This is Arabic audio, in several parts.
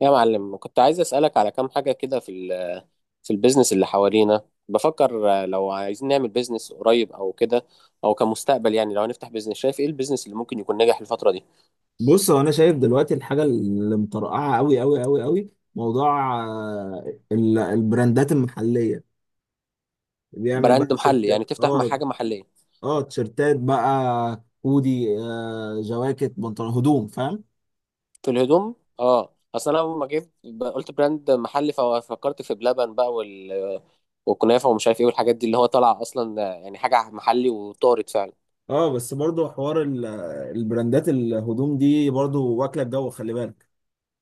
يا معلم، كنت عايز أسألك على كام حاجة كده في البيزنس اللي حوالينا. بفكر لو عايزين نعمل بيزنس قريب أو كده، أو كمستقبل. يعني لو هنفتح بيزنس، شايف إيه البيزنس اللي ممكن يكون ناجح الفترة دي؟ بص، هو انا شايف دلوقتي الحاجه اللي مطرقعه قوي قوي قوي قوي، موضوع البراندات المحليه. بيعمل بقى براند محلي، يعني تيشيرتات، تفتح مع حاجة محلية. اه تيشيرتات بقى، هودي، جواكت، بنطلون، هدوم، فاهم؟ في الهدوم. اه، أصل أنا لما جيت قلت براند محلي، ففكرت في بلبن بقى والكنافة ومش عارف إيه، والحاجات دي اللي هو طالعة أصلا يعني حاجة محلي، وطارت فعلا. اه، بس برضو حوار البراندات، الهدوم دي برضو واكله الجو، خلي بالك.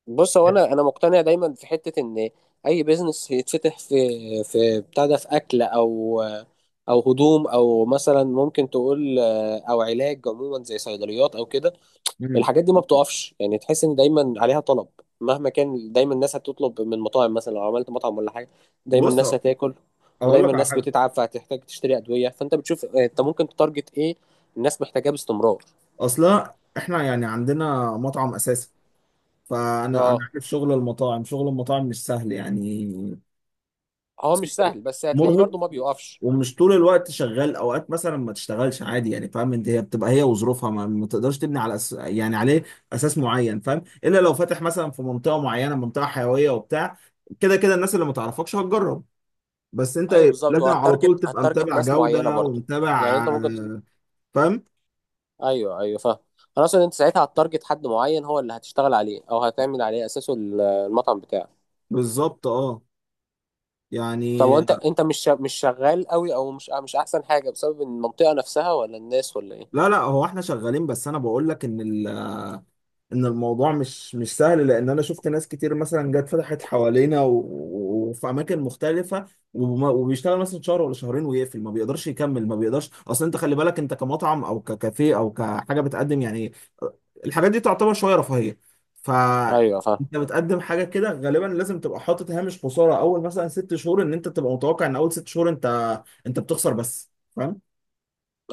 بص، هو انا مقتنع دايما في حته ان اي بيزنس يتفتح في بتاع ده، في اكل او هدوم، او مثلا ممكن تقول او علاج عموما زي صيدليات او كده، مم. الحاجات دي ما بتقفش. يعني تحس ان دايما عليها طلب مهما كان. دايما الناس هتطلب من مطاعم، مثلا لو عملت مطعم ولا حاجه، دايما بص، الناس هتاكل. اقول ودايما لك على الناس حاجه. بتتعب، فهتحتاج تشتري ادويه. فانت بتشوف انت ممكن تتارجت ايه؟ الناس محتاجاه باستمرار. اصلا احنا يعني عندنا مطعم اساسا، فانا اه، عارف شغل المطاعم، شغل المطاعم مش سهل يعني، هو مش سهل، بس هتلاقيه مرهق، برضو ما بيقفش. ومش طول الوقت شغال. اوقات مثلا ما تشتغلش عادي يعني، فاهم؟ انت هي بتبقى هي وظروفها، ما تقدرش تبني على يعني عليه اساس معين، فاهم؟ الا لو فاتح مثلا في منطقه معينه، منطقه حيويه وبتاع. كده كده الناس اللي ما تعرفكش هتجرب، بس انت ايوه، بالظبط، لازم على طول وهتارجت تبقى هتارجت متابع ناس معينه جوده برضو. يعني ومتابع انت ممكن فاهم، ايوه، ايوه، فاهم. انا اقصد انت ساعتها هتارجت حد معين هو اللي هتشتغل عليه او هتعمل عليه اساسه المطعم بتاعك. بالظبط، اه طب يعني. وانت مش شغال قوي، او مش احسن حاجه، بسبب المنطقه نفسها ولا الناس ولا ايه؟ لا لا، هو احنا شغالين، بس انا بقول لك ان ان الموضوع مش سهل، لان انا شفت ناس كتير مثلا جت فتحت حوالينا وفي اماكن مختلفه، وبيشتغل مثلا شهر ولا شهرين ويقفل، ما بيقدرش يكمل، ما بيقدرش. اصل انت خلي بالك، انت كمطعم او ككافيه او كحاجه بتقدم يعني، الحاجات دي تعتبر شويه رفاهيه. ف ايوه، فاهم. انت بتقدم حاجه كده، غالبا لازم تبقى حاطط هامش خساره اول مثلا ست شهور، ان انت تبقى متوقع ان اول ست شهور انت بتخسر بس، فاهم؟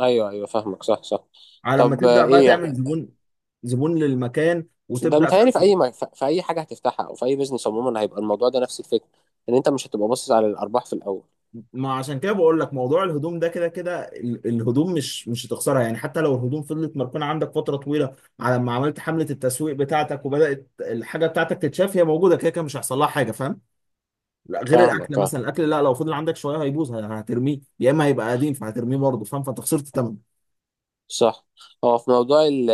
ايوه، ايوه، فاهمك. صح، صح. على ما طب، تبدا بقى ايه تعمل زبون، زبون للمكان، ده وتبدا. متهيألي في اي حاجه هتفتحها، او في اي بزنس عموما، هيبقى الموضوع ده نفس الفكره، ان انت مش هتبقى باصص على الارباح في الاول. ما عشان كده بقول لك موضوع الهدوم ده، كده كده الهدوم مش هتخسرها يعني، حتى لو الهدوم فضلت مركونة عندك فترة طويلة، على ما عملت حملة التسويق بتاعتك وبدأت الحاجة بتاعتك تتشاف، هي موجودة كده كده مش هيحصل لها حاجة، فاهم؟ لا، غير فاهمك، الأكل فاهم. مثلا، الأكل لا، لو فضل عندك شوية هيبوظ هترميه، يا إما هيبقى قديم فهترميه برضه، فاهم؟ فأنت خسرت تمن. صح. هو في موضوع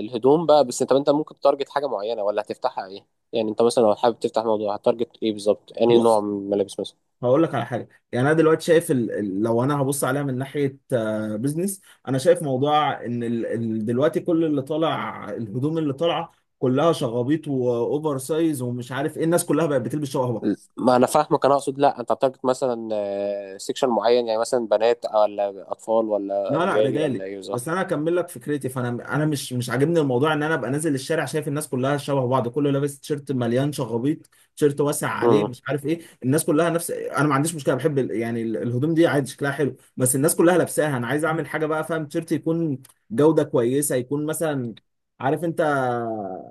الهدوم بقى، بس انت ممكن تارجت حاجه معينه، ولا هتفتحها ايه؟ يعني انت مثلا لو حابب تفتح موضوع، هتارجت ايه بالظبط؟ يعني نوع بص، من الملابس مثلا. هقول لك على حاجه يعني. انا دلوقتي شايف لو انا هبص عليها من ناحيه بيزنس. انا شايف موضوع ان دلوقتي كل اللي طالع، الهدوم اللي طالعه كلها شغابيط واوفر سايز ومش عارف ايه، الناس كلها بقت بتلبس شبه بعض. ما انا فاهمك. انا اقصد، لا، انت هتارجت مثلا سيكشن معين. يعني مثلا بنات، ولا اطفال، لا ولا لا، رجالي، ولا رجالي ايه بس. بالظبط؟ انا اكمل لك فكرتي، فانا مش عاجبني الموضوع ان انا ابقى نازل الشارع شايف الناس كلها شبه بعض، كله لابس تيشيرت مليان شغبيط، تيشيرت واسع عليه، امم مش عارف ايه الناس كلها نفس. انا ما عنديش مشكله، بحب يعني الهدوم دي عادي شكلها حلو، بس الناس كلها لابساها. انا عايز اعمل حاجه بقى، فاهم؟ تيشيرت يكون جوده كويسه، يكون مثلا، عارف انت،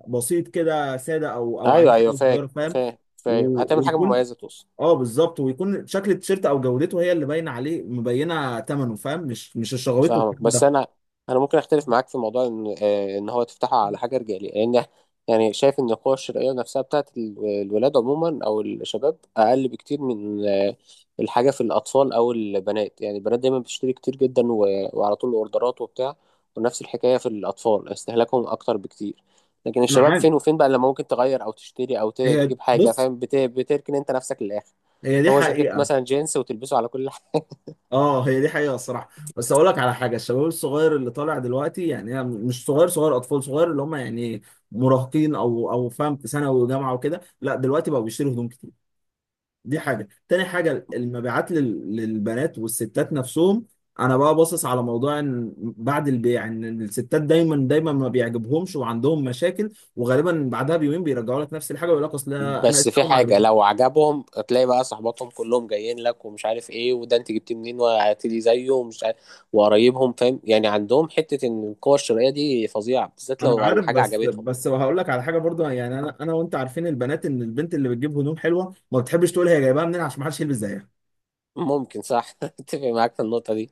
بسيط كده، ساده، او ايوه، عليه ايوه، حاجه فاهم. صغيره، فاهم؟ فاهم، فاهم. هتعمل حاجه ويكون، مميزه، توصل. اه بالظبط، ويكون شكل التيشيرت او جودته هي اللي باينه عليه، مبينه ثمنه، فاهم؟ مش الشغويت والكلام فاهمك. بس ده. انا ممكن اختلف معاك في موضوع ان ان هو تفتحه على حاجه رجاليه. لان يعني شايف ان القوى الشرائيه نفسها بتاعت الولاد عموما او الشباب اقل بكتير من الحاجه في الاطفال او البنات. يعني البنات دايما بتشتري كتير جدا وعلى طول اوردرات وبتاع. ونفس الحكايه في الاطفال استهلاكهم اكتر بكتير. لكن انا الشباب عارف. فين وفين بقى لما ممكن تغير او تشتري او هي تجيب حاجه، بص، فاهم؟ بتركن انت نفسك للاخر. هي دي هو جاكيت حقيقه. مثلا جينز، وتلبسه على كل. اه، هي دي حقيقه الصراحه. بس اقول لك على حاجه، الشباب الصغير اللي طالع دلوقتي يعني، هي مش صغير صغير اطفال، صغير اللي هم يعني مراهقين، او فاهم، في ثانوي وجامعه وكده. لا دلوقتي بقوا بيشتروا هدوم كتير. دي حاجة، تاني حاجة، المبيعات للبنات والستات نفسهم. انا بقى باصص على موضوع ان بعد البيع، ان الستات دايما دايما ما بيعجبهمش وعندهم مشاكل، وغالبا بعدها بيومين بيرجعوا لك نفس الحاجه، ويقول لك اصل انا بس في اسلام ما حاجة، عجبتني. لو عجبهم هتلاقي بقى صحباتهم كلهم جايين لك، ومش عارف ايه، وده انت جبتيه منين، وهاتلي زيه، ومش عارف، وقرايبهم فاهم. يعني عندهم حتة ان القوة الشرائية دي فظيعة، بالذات انا لو عارف، الحاجة بس عجبتهم. بس هقول لك على حاجه برضو يعني، انا وانت عارفين البنات، ان البنت اللي بتجيب هدوم حلوه ما بتحبش تقول هي جايبها منين عشان ما حدش يلبس زيها. ممكن، صح. اتفق معاك في النقطة دي.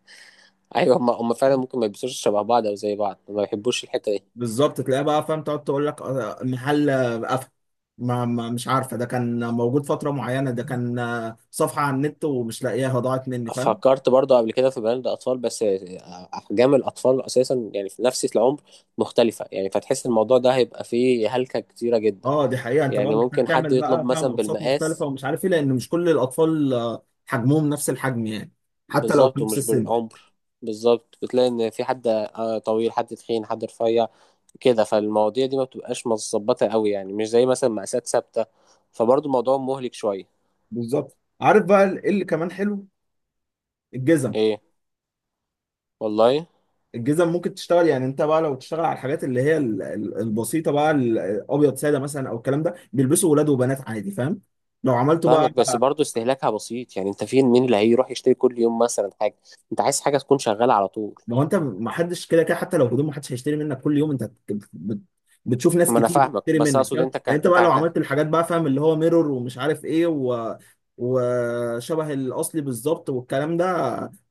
ايوه، هم هم فعلا ممكن ما يلبسوش شبه بعض او زي بعض، ما بيحبوش الحتة دي. بالظبط، تلاقيها بقى فاهم، تقعد تقول لك محل قفل، ما مش عارفه، ده كان موجود فتره معينه، ده كان صفحه على النت ومش لاقياها ضاعت مني، فاهم؟ فكرت برضو قبل كده في براند اطفال، بس احجام الاطفال اساسا يعني في نفس العمر مختلفه. يعني فتحس الموضوع ده هيبقى فيه هلكه كتيره جدا. اه دي حقيقه. انت بقى يعني محتاج ممكن حد تعمل يطلب بقى فاهم مثلا اقساط مختلفه بالمقاس ومش عارف ايه، لان مش كل الاطفال حجمهم نفس الحجم يعني، حتى لو في بالظبط، نفس ومش السن. بالعمر. بالظبط، بتلاقي ان في حد طويل، حد تخين، حد رفيع كده. فالمواضيع دي ما بتبقاش متظبطه قوي. يعني مش زي مثلا مقاسات ثابته. فبرضو الموضوع مهلك شويه. بالظبط، عارف بقى ايه اللي كمان حلو؟ الجزم. ايه، والله. الجزم ممكن تشتغل يعني. انت بقى لو تشتغل على الحاجات اللي هي البسيطه بقى، الابيض ساده مثلا او الكلام ده، بيلبسوا ولاد وبنات عادي، فاهم؟ لو عملته بقى. فاهمك، بس برضه استهلاكها بسيط. يعني انت فين مين اللي هيروح يشتري كل يوم مثلا حاجه؟ انت عايز حاجه تكون شغاله على طول. ما هو انت، ما حدش كده كده حتى لو هدوم، ما حدش هيشتري منك كل يوم. انت بتشوف ناس ما انا كتير فاهمك، بتشتري بس منك، اقصد فاهم انت يعني؟ انت بقى لو عملت الحاجات بقى، فاهم، اللي هو ميرور ومش عارف ايه، و... وشبه الاصلي بالظبط والكلام ده.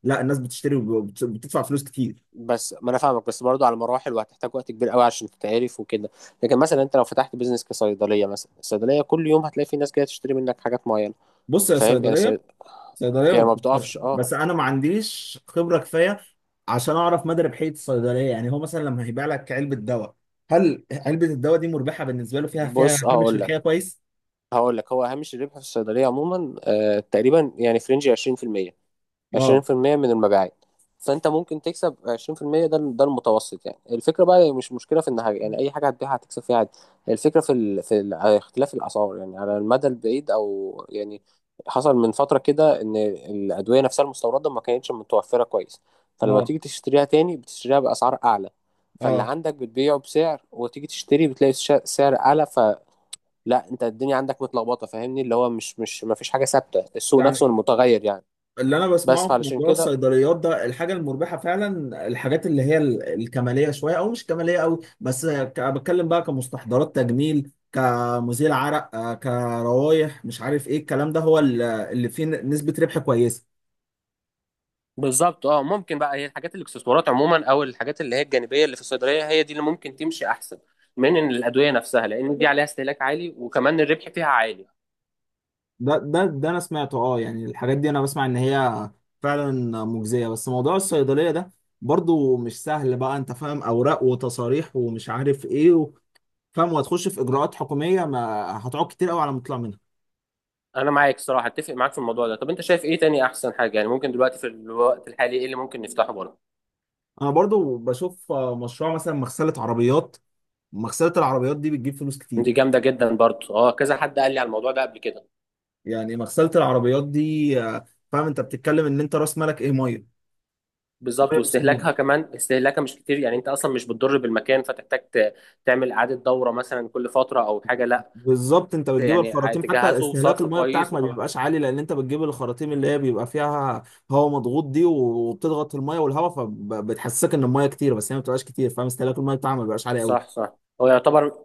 لا، الناس بتشتري وبتدفع فلوس كتير. بس ما انا فاهمك، بس برضه على مراحل، وهتحتاج وقت كبير قوي عشان تتعرف وكده. لكن مثلا انت لو فتحت بيزنس كصيدليه مثلا، الصيدليه كل يوم هتلاقي في ناس جايه تشتري منك حاجات معينه. بص يا فاهم؟ يعني صيدليه، صيدليه ما يعني ما بتخسرش، بتقفش. اه. بس انا ما عنديش خبره كفايه عشان اعرف مدى ربحيه الصيدليه يعني. هو مثلا لما هيبيع لك علبه دواء، هل علبه الدواء دي مربحه بالنسبه له؟ فيها بص، فيها اه، هامش هقول ربحيه لك كويس؟ هقول لك هو هامش الربح في الصيدليه عموما تقريبا يعني في رينج 20%، اه 20% من المبيعات. فانت ممكن تكسب 20%، ده المتوسط. يعني الفكره بقى هي مش مشكله في النهايه. يعني اي حاجه هتبيعها هتكسب فيها عادي. الفكره في اختلاف الاسعار، يعني على المدى البعيد. او يعني حصل من فتره كده ان الادويه نفسها المستورده ما كانتش متوفره كويس، فلما اه تيجي تشتريها تاني بتشتريها باسعار اعلى. فاللي اه عندك بتبيعه بسعر، وتيجي تشتري بتلاقي سعر اعلى. فلا، انت الدنيا عندك متلخبطه، فاهمني، اللي هو مش ما فيش حاجه ثابته، السوق يعني، نفسه متغير يعني. اللي انا بس بسمعه في فعلشان موضوع كده الصيدليات ده، الحاجه المربحه فعلا الحاجات اللي هي الكماليه شويه، او مش كماليه قوي بس بتكلم بقى كمستحضرات تجميل، كمزيل عرق، كروايح، مش عارف ايه الكلام ده، هو اللي فيه نسبه ربح كويسه. بالظبط. اه، ممكن بقى هي الحاجات، الاكسسوارات عموما، او الحاجات اللي هي الجانبيه اللي في الصيدليه، هي دي اللي ممكن تمشي احسن من إن الادويه نفسها، لان دي عليها استهلاك عالي وكمان الربح فيها عالي. ده انا سمعته، اه يعني الحاجات دي انا بسمع ان هي فعلا مجزيه، بس موضوع الصيدليه ده برضو مش سهل بقى. انت فاهم، اوراق وتصاريح ومش عارف ايه فاهم، وهتخش في اجراءات حكوميه ما هتقعد كتير قوي على ما تطلع منها. انا معاك، صراحه اتفق معاك في الموضوع ده. طب انت شايف ايه تاني احسن حاجه؟ يعني ممكن دلوقتي في الوقت الحالي ايه اللي ممكن نفتحه برضه؟ انا برضو بشوف مشروع مثلا مغسله عربيات. مغسله العربيات دي بتجيب فلوس كتير. دي جامده جدا برضه، اه، كذا حد قال لي على الموضوع ده قبل كده. يعني مغسله العربيات دي فاهم، انت بتتكلم ان انت راس مالك ايه؟ ميه. بالظبط، ميه وصابون. واستهلاكها كمان استهلاكها مش كتير. يعني انت اصلا مش بتضر بالمكان، فتحتاج تعمل اعاده دوره مثلا كل فتره او حاجه. لا، بالظبط. انت بتجيب يعني الخراطيم، حتى تجهزه استهلاك وصرف الميه بتاعك كويس. ما بيبقاش عالي لان انت بتجيب الخراطيم اللي هي بيبقى فيها هواء مضغوط دي، وبتضغط الميه والهواء، فبتحسسك ان الميه كتير بس هي ما بتبقاش كتير، فاهم؟ استهلاك الميه بتاعها ما بيبقاش عالي صح، قوي. صح. هو يعتبر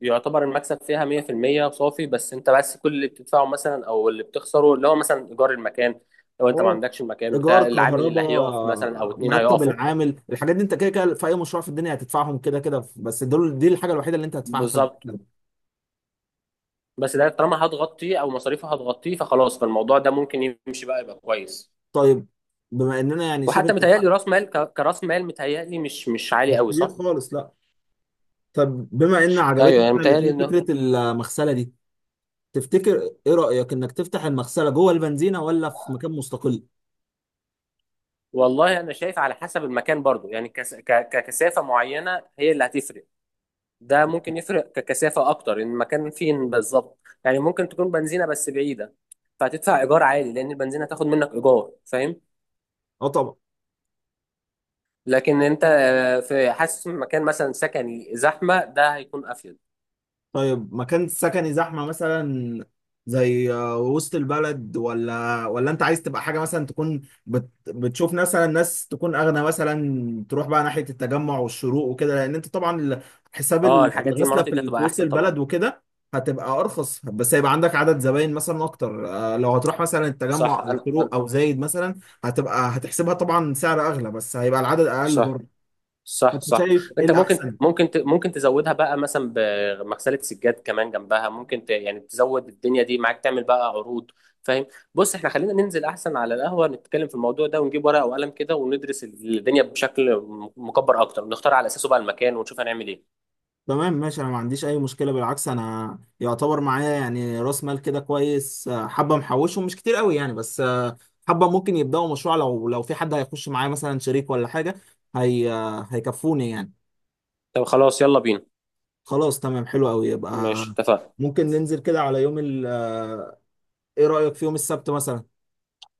يعتبر المكسب فيها 100% صافي. بس انت، بس كل اللي بتدفعه مثلا او اللي بتخسره اللي هو مثلا ايجار المكان، لو انت ما اه، عندكش المكان، بتاع ايجار، العامل اللي هيقف مثلا او كهرباء، اتنين مرتب هيقفوا. العامل، الحاجات دي انت كده كده في اي مشروع في الدنيا هتدفعهم كده كده، بس دول دي الحاجه الوحيده اللي انت هتدفعها في بالظبط. المكتب. بس ده طالما هتغطيه، او مصاريفه هتغطيه فخلاص، فالموضوع ده ممكن يمشي بقى، يبقى كويس. طيب، بما اننا يعني شبه وحتى متهيألي اتفقنا. راس مال كراس مال متهيألي مش عالي مش قوي، كبير صح؟ خالص لا. طب بما ان ايوه، عجبتنا يعني احنا متهيألي الاثنين انه. فكره المغسله دي، تفتكر، ايه رايك انك تفتح المغسله جوه البنزينه ولا في مكان مستقل؟ والله انا شايف على حسب المكان برضو. يعني ككثافه معينه هي اللي هتفرق. ده ممكن يفرق ككثافة أكتر، إن المكان فين بالظبط. يعني ممكن تكون بنزينة بس بعيدة، فهتدفع إيجار عالي، لأن البنزينة هتاخد منك إيجار، فاهم؟ اه طبعا. لكن أنت في حاسس إن مكان مثلا سكني زحمة ده هيكون أفيد. طيب، مكان سكني زحمة مثلا، زي وسط البلد؟ ولا انت عايز تبقى حاجة مثلا تكون بتشوف مثلا ناس تكون اغنى مثلا، تروح بقى ناحية التجمع والشروق وكده، لان انت طبعا حساب أه، الحاجات دي، الغسلة المناطق دي في هتبقى وسط أحسن طبعا. البلد وكده هتبقى ارخص، بس هيبقى عندك عدد زباين مثلا اكتر. لو هتروح مثلا صح. التجمع او أنا الشروق او زايد مثلا هتحسبها طبعا سعر اغلى، بس هيبقى العدد اقل صح، برضه. صح، فانت صح. شايف ايه انت ممكن الاحسن؟ ممكن ت- ممكن تزودها بقى مثلا بمغسله سجاد كمان جنبها. ممكن يعني تزود الدنيا دي معاك، تعمل بقى عروض، فاهم؟ بص، احنا خلينا ننزل احسن على القهوه، نتكلم في الموضوع ده، ونجيب ورقه وقلم كده، وندرس الدنيا بشكل مكبر اكتر، ونختار على اساسه بقى المكان، ونشوف هنعمل ايه. تمام ماشي. انا ما عنديش اي مشكله، بالعكس. انا يعتبر معايا يعني راس مال كده كويس، حبه محوشه مش كتير قوي يعني، بس حبه ممكن يبداوا مشروع، لو في حد هيخش معايا مثلا شريك ولا حاجه، هي هيكفوني يعني. طب خلاص، يلا بينا. خلاص تمام حلو قوي. يبقى ماشي، اتفقنا. ممكن ننزل كده على يوم ال آه، ايه رايك في يوم السبت مثلا؟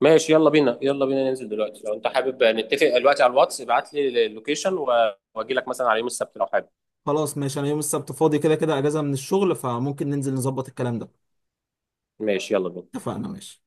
ماشي، يلا بينا، يلا بينا ننزل دلوقتي. لو انت حابب نتفق دلوقتي على الواتس، ابعت لي اللوكيشن واجي لك مثلا على يوم السبت لو حابب. خلاص ماشي، انا يوم السبت فاضي كده كده اجازه من الشغل، فممكن ننزل نظبط الكلام ده. ماشي، يلا بينا. اتفقنا ماشي.